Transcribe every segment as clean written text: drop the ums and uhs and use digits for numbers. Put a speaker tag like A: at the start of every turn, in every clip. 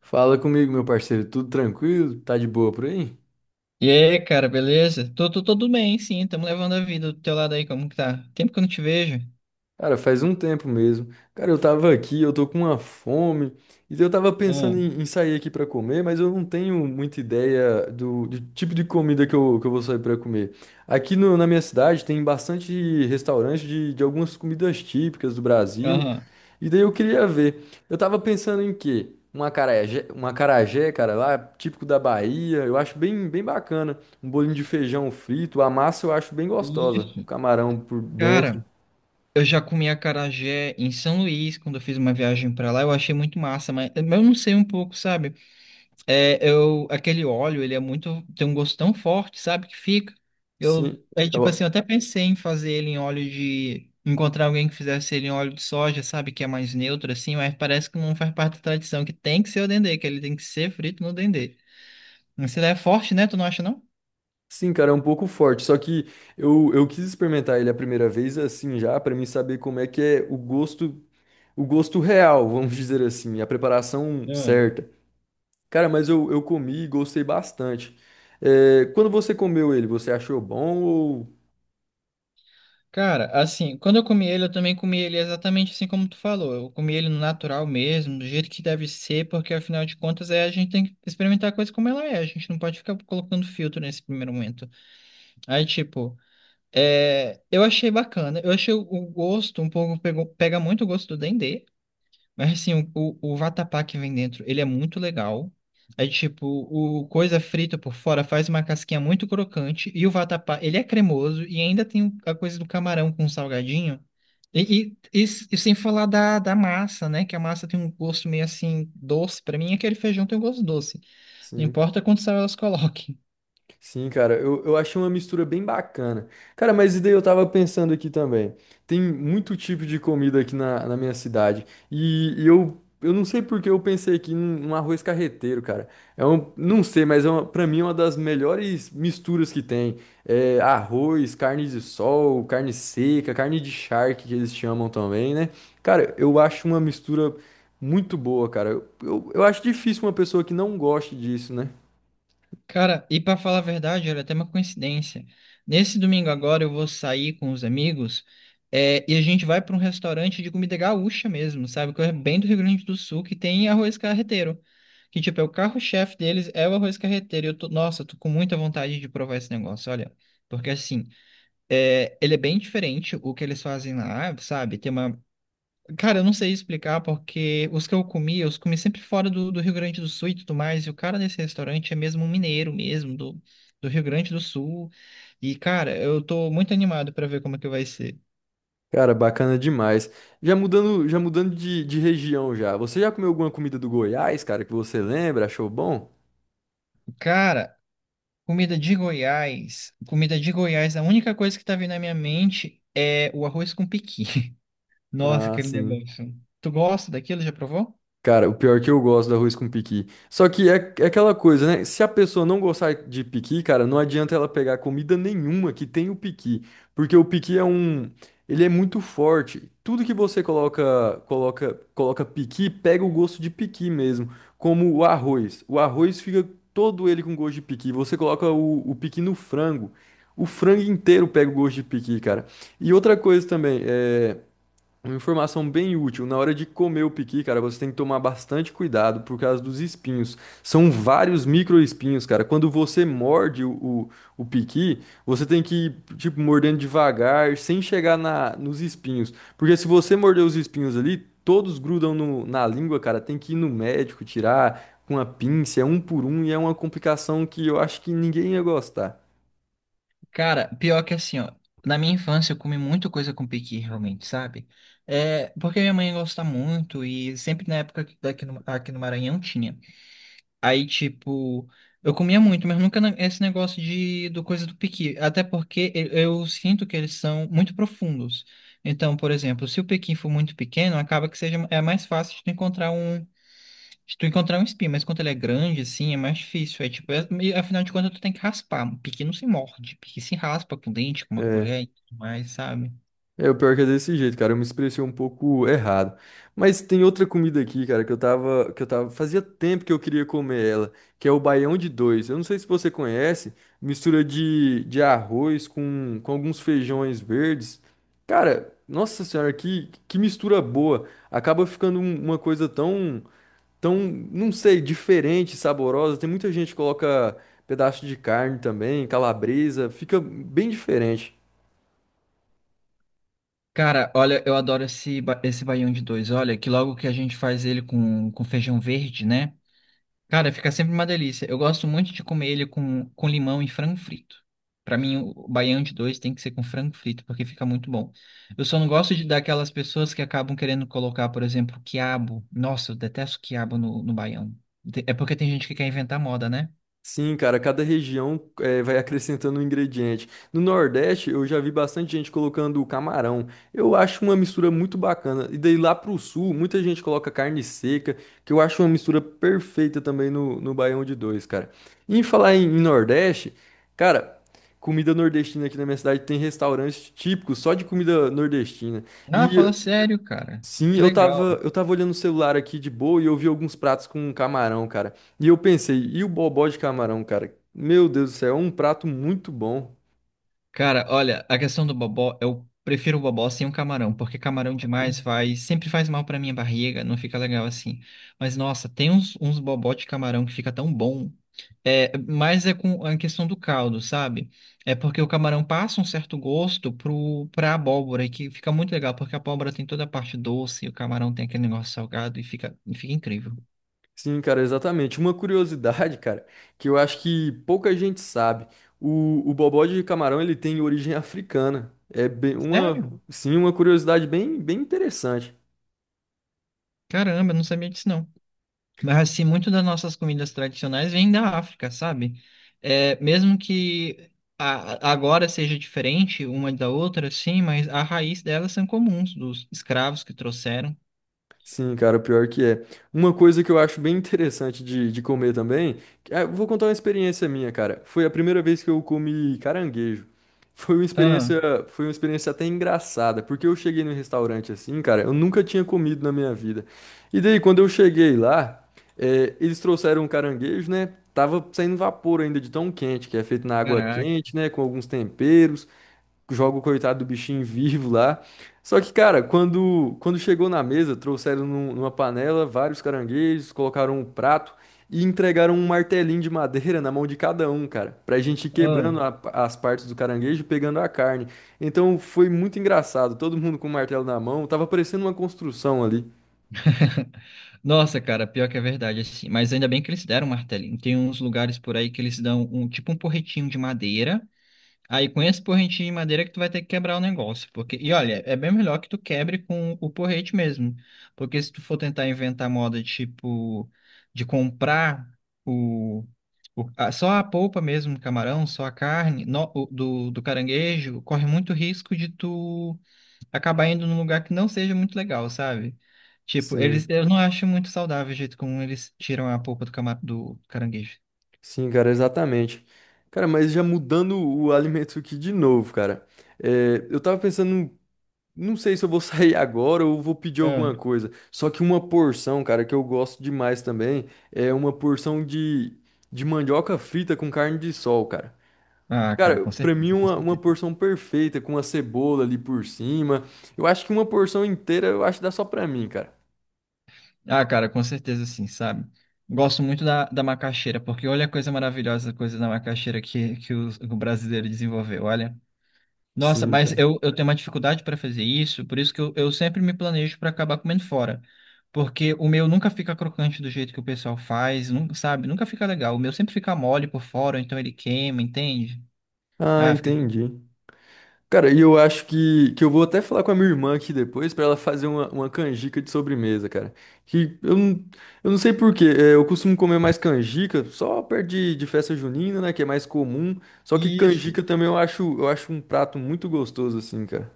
A: Fala comigo, meu parceiro, tudo tranquilo? Tá de boa por aí?
B: E aí, cara, beleza? Tô tudo bem, sim. Tamo levando a vida do teu lado aí, como que tá? Tempo que eu não te vejo.
A: Cara, faz um tempo mesmo. Cara, eu tava aqui, eu tô com uma fome, e eu tava pensando
B: Aham.
A: em sair aqui pra comer, mas eu não tenho muita ideia do tipo de comida que eu vou sair pra comer. Aqui no- na minha cidade tem bastante restaurante de algumas comidas típicas do Brasil.
B: Aham.
A: E daí eu queria ver. Eu tava pensando em quê? Um acarajé, cara, lá, típico da Bahia. Eu acho bem bacana. Um bolinho de feijão frito. A massa eu acho bem gostosa. O
B: Isso.
A: camarão por dentro.
B: Cara, eu já comi acarajé em São Luís, quando eu fiz uma viagem pra lá. Eu achei muito massa, mas eu não sei um pouco, sabe? É, eu, aquele óleo, ele é muito, tem um gosto tão forte, sabe, que fica. Eu,
A: Sim,
B: é tipo assim, eu
A: eu-
B: até pensei em fazer ele em óleo de, encontrar alguém que fizesse ele em óleo de soja, sabe, que é mais neutro assim, mas parece que não faz parte da tradição, que tem que ser o dendê, que ele tem que ser frito no dendê. Mas ele é forte, né? Tu não acha, não?
A: sim, cara, é um pouco forte. Só que eu quis experimentar ele a primeira vez assim já, pra mim saber como é que é o gosto real, vamos dizer assim, a preparação
B: Ah.
A: certa. Cara, mas eu comi e gostei bastante. É, quando você comeu ele, você achou bom ou.
B: Cara, assim, quando eu comi ele, eu também comi ele exatamente assim como tu falou. Eu comi ele no natural mesmo, do jeito que deve ser, porque afinal de contas é a gente tem que experimentar a coisa como ela é. A gente não pode ficar colocando filtro nesse primeiro momento. Aí, tipo, é, eu achei bacana. Eu achei o gosto um pouco, pega muito o gosto do Dendê. Mas, assim, o vatapá que vem dentro, ele é muito legal. Aí, tipo, o coisa frita por fora faz uma casquinha muito crocante. E o vatapá, ele é cremoso. E ainda tem a coisa do camarão com salgadinho. E, e, e e sem falar da massa, né? Que a massa tem um gosto meio assim, doce. Pra mim, aquele feijão tem um gosto doce. Não
A: Sim,
B: importa quantos sal elas coloquem.
A: sim, cara, eu achei uma mistura bem bacana. Cara, mas e daí eu tava pensando aqui também. Tem muito tipo de comida aqui na minha cidade. E eu não sei por que eu pensei aqui num arroz carreteiro, cara. É um, não sei, mas é uma, pra mim é uma das melhores misturas que tem. É arroz, carne de sol, carne seca, carne de charque que eles chamam também, né? Cara, eu acho uma mistura muito boa, cara. Eu acho difícil uma pessoa que não goste disso, né?
B: Cara, e pra falar a verdade, olha, até uma coincidência. Nesse domingo agora eu vou sair com os amigos, é, e a gente vai pra um restaurante de comida gaúcha mesmo, sabe? Que é bem do Rio Grande do Sul, que tem arroz carreteiro. Que, tipo, é o carro-chefe deles, é o arroz carreteiro. E eu tô, nossa, eu tô com muita vontade de provar esse negócio, olha. Porque, assim, é, ele é bem diferente o que eles fazem lá, sabe? Tem uma. Cara, eu não sei explicar porque os que eu comi, eu os comi sempre fora do Rio Grande do Sul e tudo mais. E o cara desse restaurante é mesmo um mineiro mesmo, do, do Rio Grande do Sul. E, cara, eu tô muito animado pra ver como é que vai ser.
A: Cara, bacana demais. Já mudando de região já. Você já comeu alguma comida do Goiás, cara, que você lembra? Achou bom?
B: Cara, comida de Goiás. Comida de Goiás, a única coisa que tá vindo na minha mente é o arroz com pequi. Nossa,
A: Ah,
B: aquele
A: sim.
B: negócio. Tu gosta daquilo? Já provou?
A: Cara, o pior é que eu gosto do arroz com piqui. Só que é, é aquela coisa, né? Se a pessoa não gostar de piqui, cara, não adianta ela pegar comida nenhuma que tem o piqui, porque o piqui é um, ele é muito forte. Tudo que você coloca, coloca piqui, pega o gosto de piqui mesmo, como o arroz. O arroz fica todo ele com gosto de piqui. Você coloca o piqui no frango, o frango inteiro pega o gosto de piqui, cara. E outra coisa também, é uma informação bem útil. Na hora de comer o piqui, cara, você tem que tomar bastante cuidado por causa dos espinhos. São vários microespinhos, cara. Quando você morde o piqui, você tem que ir, tipo, mordendo devagar, sem chegar na, nos espinhos. Porque se você morder os espinhos ali, todos grudam na língua, cara. Tem que ir no médico, tirar com a pinça, é um por um, e é uma complicação que eu acho que ninguém ia gostar.
B: Cara, pior que assim, ó, na minha infância eu comi muita coisa com piqui, realmente, sabe? É, porque minha mãe gosta muito e sempre na época daqui no, aqui no Maranhão tinha. Aí, tipo, eu comia muito, mas nunca na- esse negócio de do coisa do piqui. Até porque eu sinto que eles são muito profundos. Então, por exemplo, se o piqui for muito pequeno, acaba que seja é mais fácil de tu encontrar um se tu encontrar um espinho, mas quando ele é grande, assim, é mais difícil. É tipo, e afinal de contas, tu tem que raspar. Um Piqui não se morde, piqui se raspa com dente, com uma
A: É.
B: colher e tudo mais, sabe?
A: É, o pior que é desse jeito, cara. Eu me expressei um pouco errado. Mas tem outra comida aqui, cara, que eu tava, fazia tempo que eu queria comer ela, que é o baião de dois. Eu não sei se você conhece, mistura de arroz com alguns feijões verdes. Cara, nossa senhora, que mistura boa. Acaba ficando uma coisa tão, tão, não sei, diferente, saborosa. Tem muita gente que coloca pedaço de carne também, calabresa, fica bem diferente.
B: Cara, olha, eu adoro esse baião de dois. Olha, que logo que a gente faz ele com feijão verde, né? Cara, fica sempre uma delícia. Eu gosto muito de comer ele com limão e frango frito. Pra mim, o baião de dois tem que ser com frango frito, porque fica muito bom. Eu só não gosto de daquelas pessoas que acabam querendo colocar, por exemplo, quiabo. Nossa, eu detesto quiabo no baião. É porque tem gente que quer inventar moda, né?
A: Sim, cara, cada região vai acrescentando um ingrediente. No Nordeste, eu já vi bastante gente colocando o camarão. Eu acho uma mistura muito bacana. E daí lá pro Sul, muita gente coloca carne seca, que eu acho uma mistura perfeita também no Baião de Dois, cara. E em falar em Nordeste, cara, comida nordestina aqui na minha cidade tem restaurantes típicos só de comida nordestina.
B: Ah, fala
A: E
B: sério, cara.
A: sim,
B: Que
A: eu
B: legal.
A: tava, eu tava olhando o celular aqui de boa e eu vi alguns pratos com camarão, cara. E eu pensei, e o bobó de camarão, cara? Meu Deus do céu, é um prato muito bom.
B: Cara, olha, a questão do bobó, eu prefiro o bobó sem o camarão, porque camarão demais
A: Uhum.
B: sempre faz mal pra minha barriga, não fica legal assim. Mas nossa, tem uns bobó de camarão que fica tão bom. É, mas é com a questão do caldo, sabe? É porque o camarão passa um certo gosto pra abóbora, e que fica muito legal, porque a abóbora tem toda a parte doce, e o camarão tem aquele negócio salgado e e fica incrível.
A: Sim, cara, exatamente. Uma curiosidade, cara, que eu acho que pouca gente sabe. O bobó de camarão, ele tem origem africana. É bem, uma,
B: Sério?
A: sim, uma curiosidade bem interessante.
B: Caramba, eu não sabia disso não. Mas assim, muito das nossas comidas tradicionais vêm da África, sabe? É, mesmo que agora seja diferente uma da outra, sim, mas a raiz delas são comuns, dos escravos que trouxeram.
A: Sim, cara, pior que é. Uma coisa que eu acho bem interessante de comer também, eu vou contar uma experiência minha, cara. Foi a primeira vez que eu comi caranguejo. Foi uma
B: Ah,
A: experiência, foi uma experiência até engraçada, porque eu cheguei no restaurante assim, cara, eu nunca tinha comido na minha vida. E daí, quando eu cheguei lá, eles trouxeram um caranguejo, né? Tava saindo vapor ainda de tão quente, que é feito na água
B: caraca.
A: quente, né? Com alguns temperos joga o coitado do bichinho vivo lá. Só que, cara, quando chegou na mesa, trouxeram numa panela vários caranguejos, colocaram um prato e entregaram um martelinho de madeira na mão de cada um, cara, pra gente ir
B: Ah.
A: quebrando as partes do caranguejo e pegando a carne. Então foi muito engraçado, todo mundo com o martelo na mão, tava parecendo uma construção ali.
B: Nossa, cara, pior que é verdade, assim. Mas ainda bem que eles deram um martelinho. Tem uns lugares por aí que eles dão um tipo um porretinho de madeira. Aí com esse porrentinho de madeira que tu vai ter que quebrar o negócio, porque e olha, é bem melhor que tu quebre com o porrete mesmo, porque se tu for tentar inventar moda tipo de comprar o, só a polpa mesmo do camarão, só a carne do caranguejo, corre muito risco de tu acabar indo num lugar que não seja muito legal, sabe? Tipo, eles
A: Sim,
B: eu não acho muito saudável o jeito como eles tiram a polpa do caranguejo.
A: sim, cara, exatamente. Cara, mas já mudando o alimento aqui de novo, cara. É, eu tava pensando. Não sei se eu vou sair agora ou vou pedir
B: Ah.
A: alguma coisa. Só que uma porção, cara, que eu gosto demais também, é uma porção de mandioca frita com carne de sol, cara.
B: Ah, cara,
A: Cara,
B: com
A: pra mim
B: certeza, com
A: uma
B: certeza.
A: porção perfeita, com a cebola ali por cima. Eu acho que uma porção inteira, eu acho que dá só pra mim, cara.
B: Ah, cara, com certeza sim, sabe? Gosto muito da macaxeira, porque olha a coisa maravilhosa, a coisa da macaxeira que o brasileiro desenvolveu, olha. Nossa,
A: Sim,
B: mas
A: cara.
B: eu tenho uma dificuldade para fazer isso, por isso que eu sempre me planejo para acabar comendo fora. Porque o meu nunca fica crocante do jeito que o pessoal faz, nunca, sabe? Nunca fica legal. O meu sempre fica mole por fora, então ele queima, entende?
A: Ah,
B: Ah, fica.
A: entendi. Cara, e eu acho que eu vou até falar com a minha irmã aqui depois pra ela fazer uma canjica de sobremesa, cara. Que eu não sei por quê, é, eu costumo comer mais canjica só perto de festa junina, né, que é mais comum. Só que
B: Isso.
A: canjica também eu acho um prato muito gostoso assim, cara.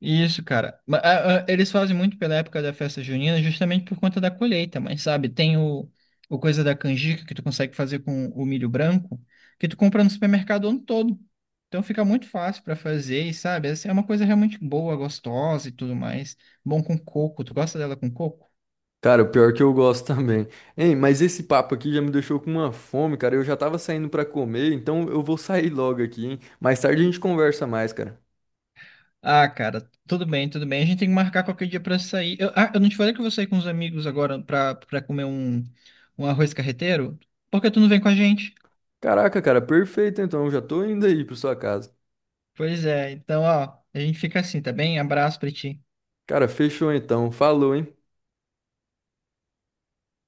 B: Isso, cara. Eles fazem muito pela época da festa junina, justamente por conta da colheita, mas sabe, tem o coisa da canjica que tu consegue fazer com o milho branco, que tu compra no supermercado o ano todo. Então fica muito fácil pra fazer, e sabe, essa é uma coisa realmente boa, gostosa e tudo mais. Bom com coco. Tu gosta dela com coco?
A: Cara, o pior que eu gosto também. Hein, mas esse papo aqui já me deixou com uma fome, cara. Eu já tava saindo pra comer, então eu vou sair logo aqui, hein? Mais tarde a gente conversa mais, cara.
B: Ah, cara, tudo bem, tudo bem. A gente tem que marcar qualquer dia pra sair. Eu, ah, eu não te falei que eu vou sair com os amigos agora pra comer um, um arroz carreteiro? Por que tu não vem com a gente?
A: Caraca, cara, perfeito então. Eu já tô indo aí pra sua casa.
B: Pois é, então, ó, a gente fica assim, tá bem? Abraço pra ti.
A: Cara, fechou então. Falou, hein?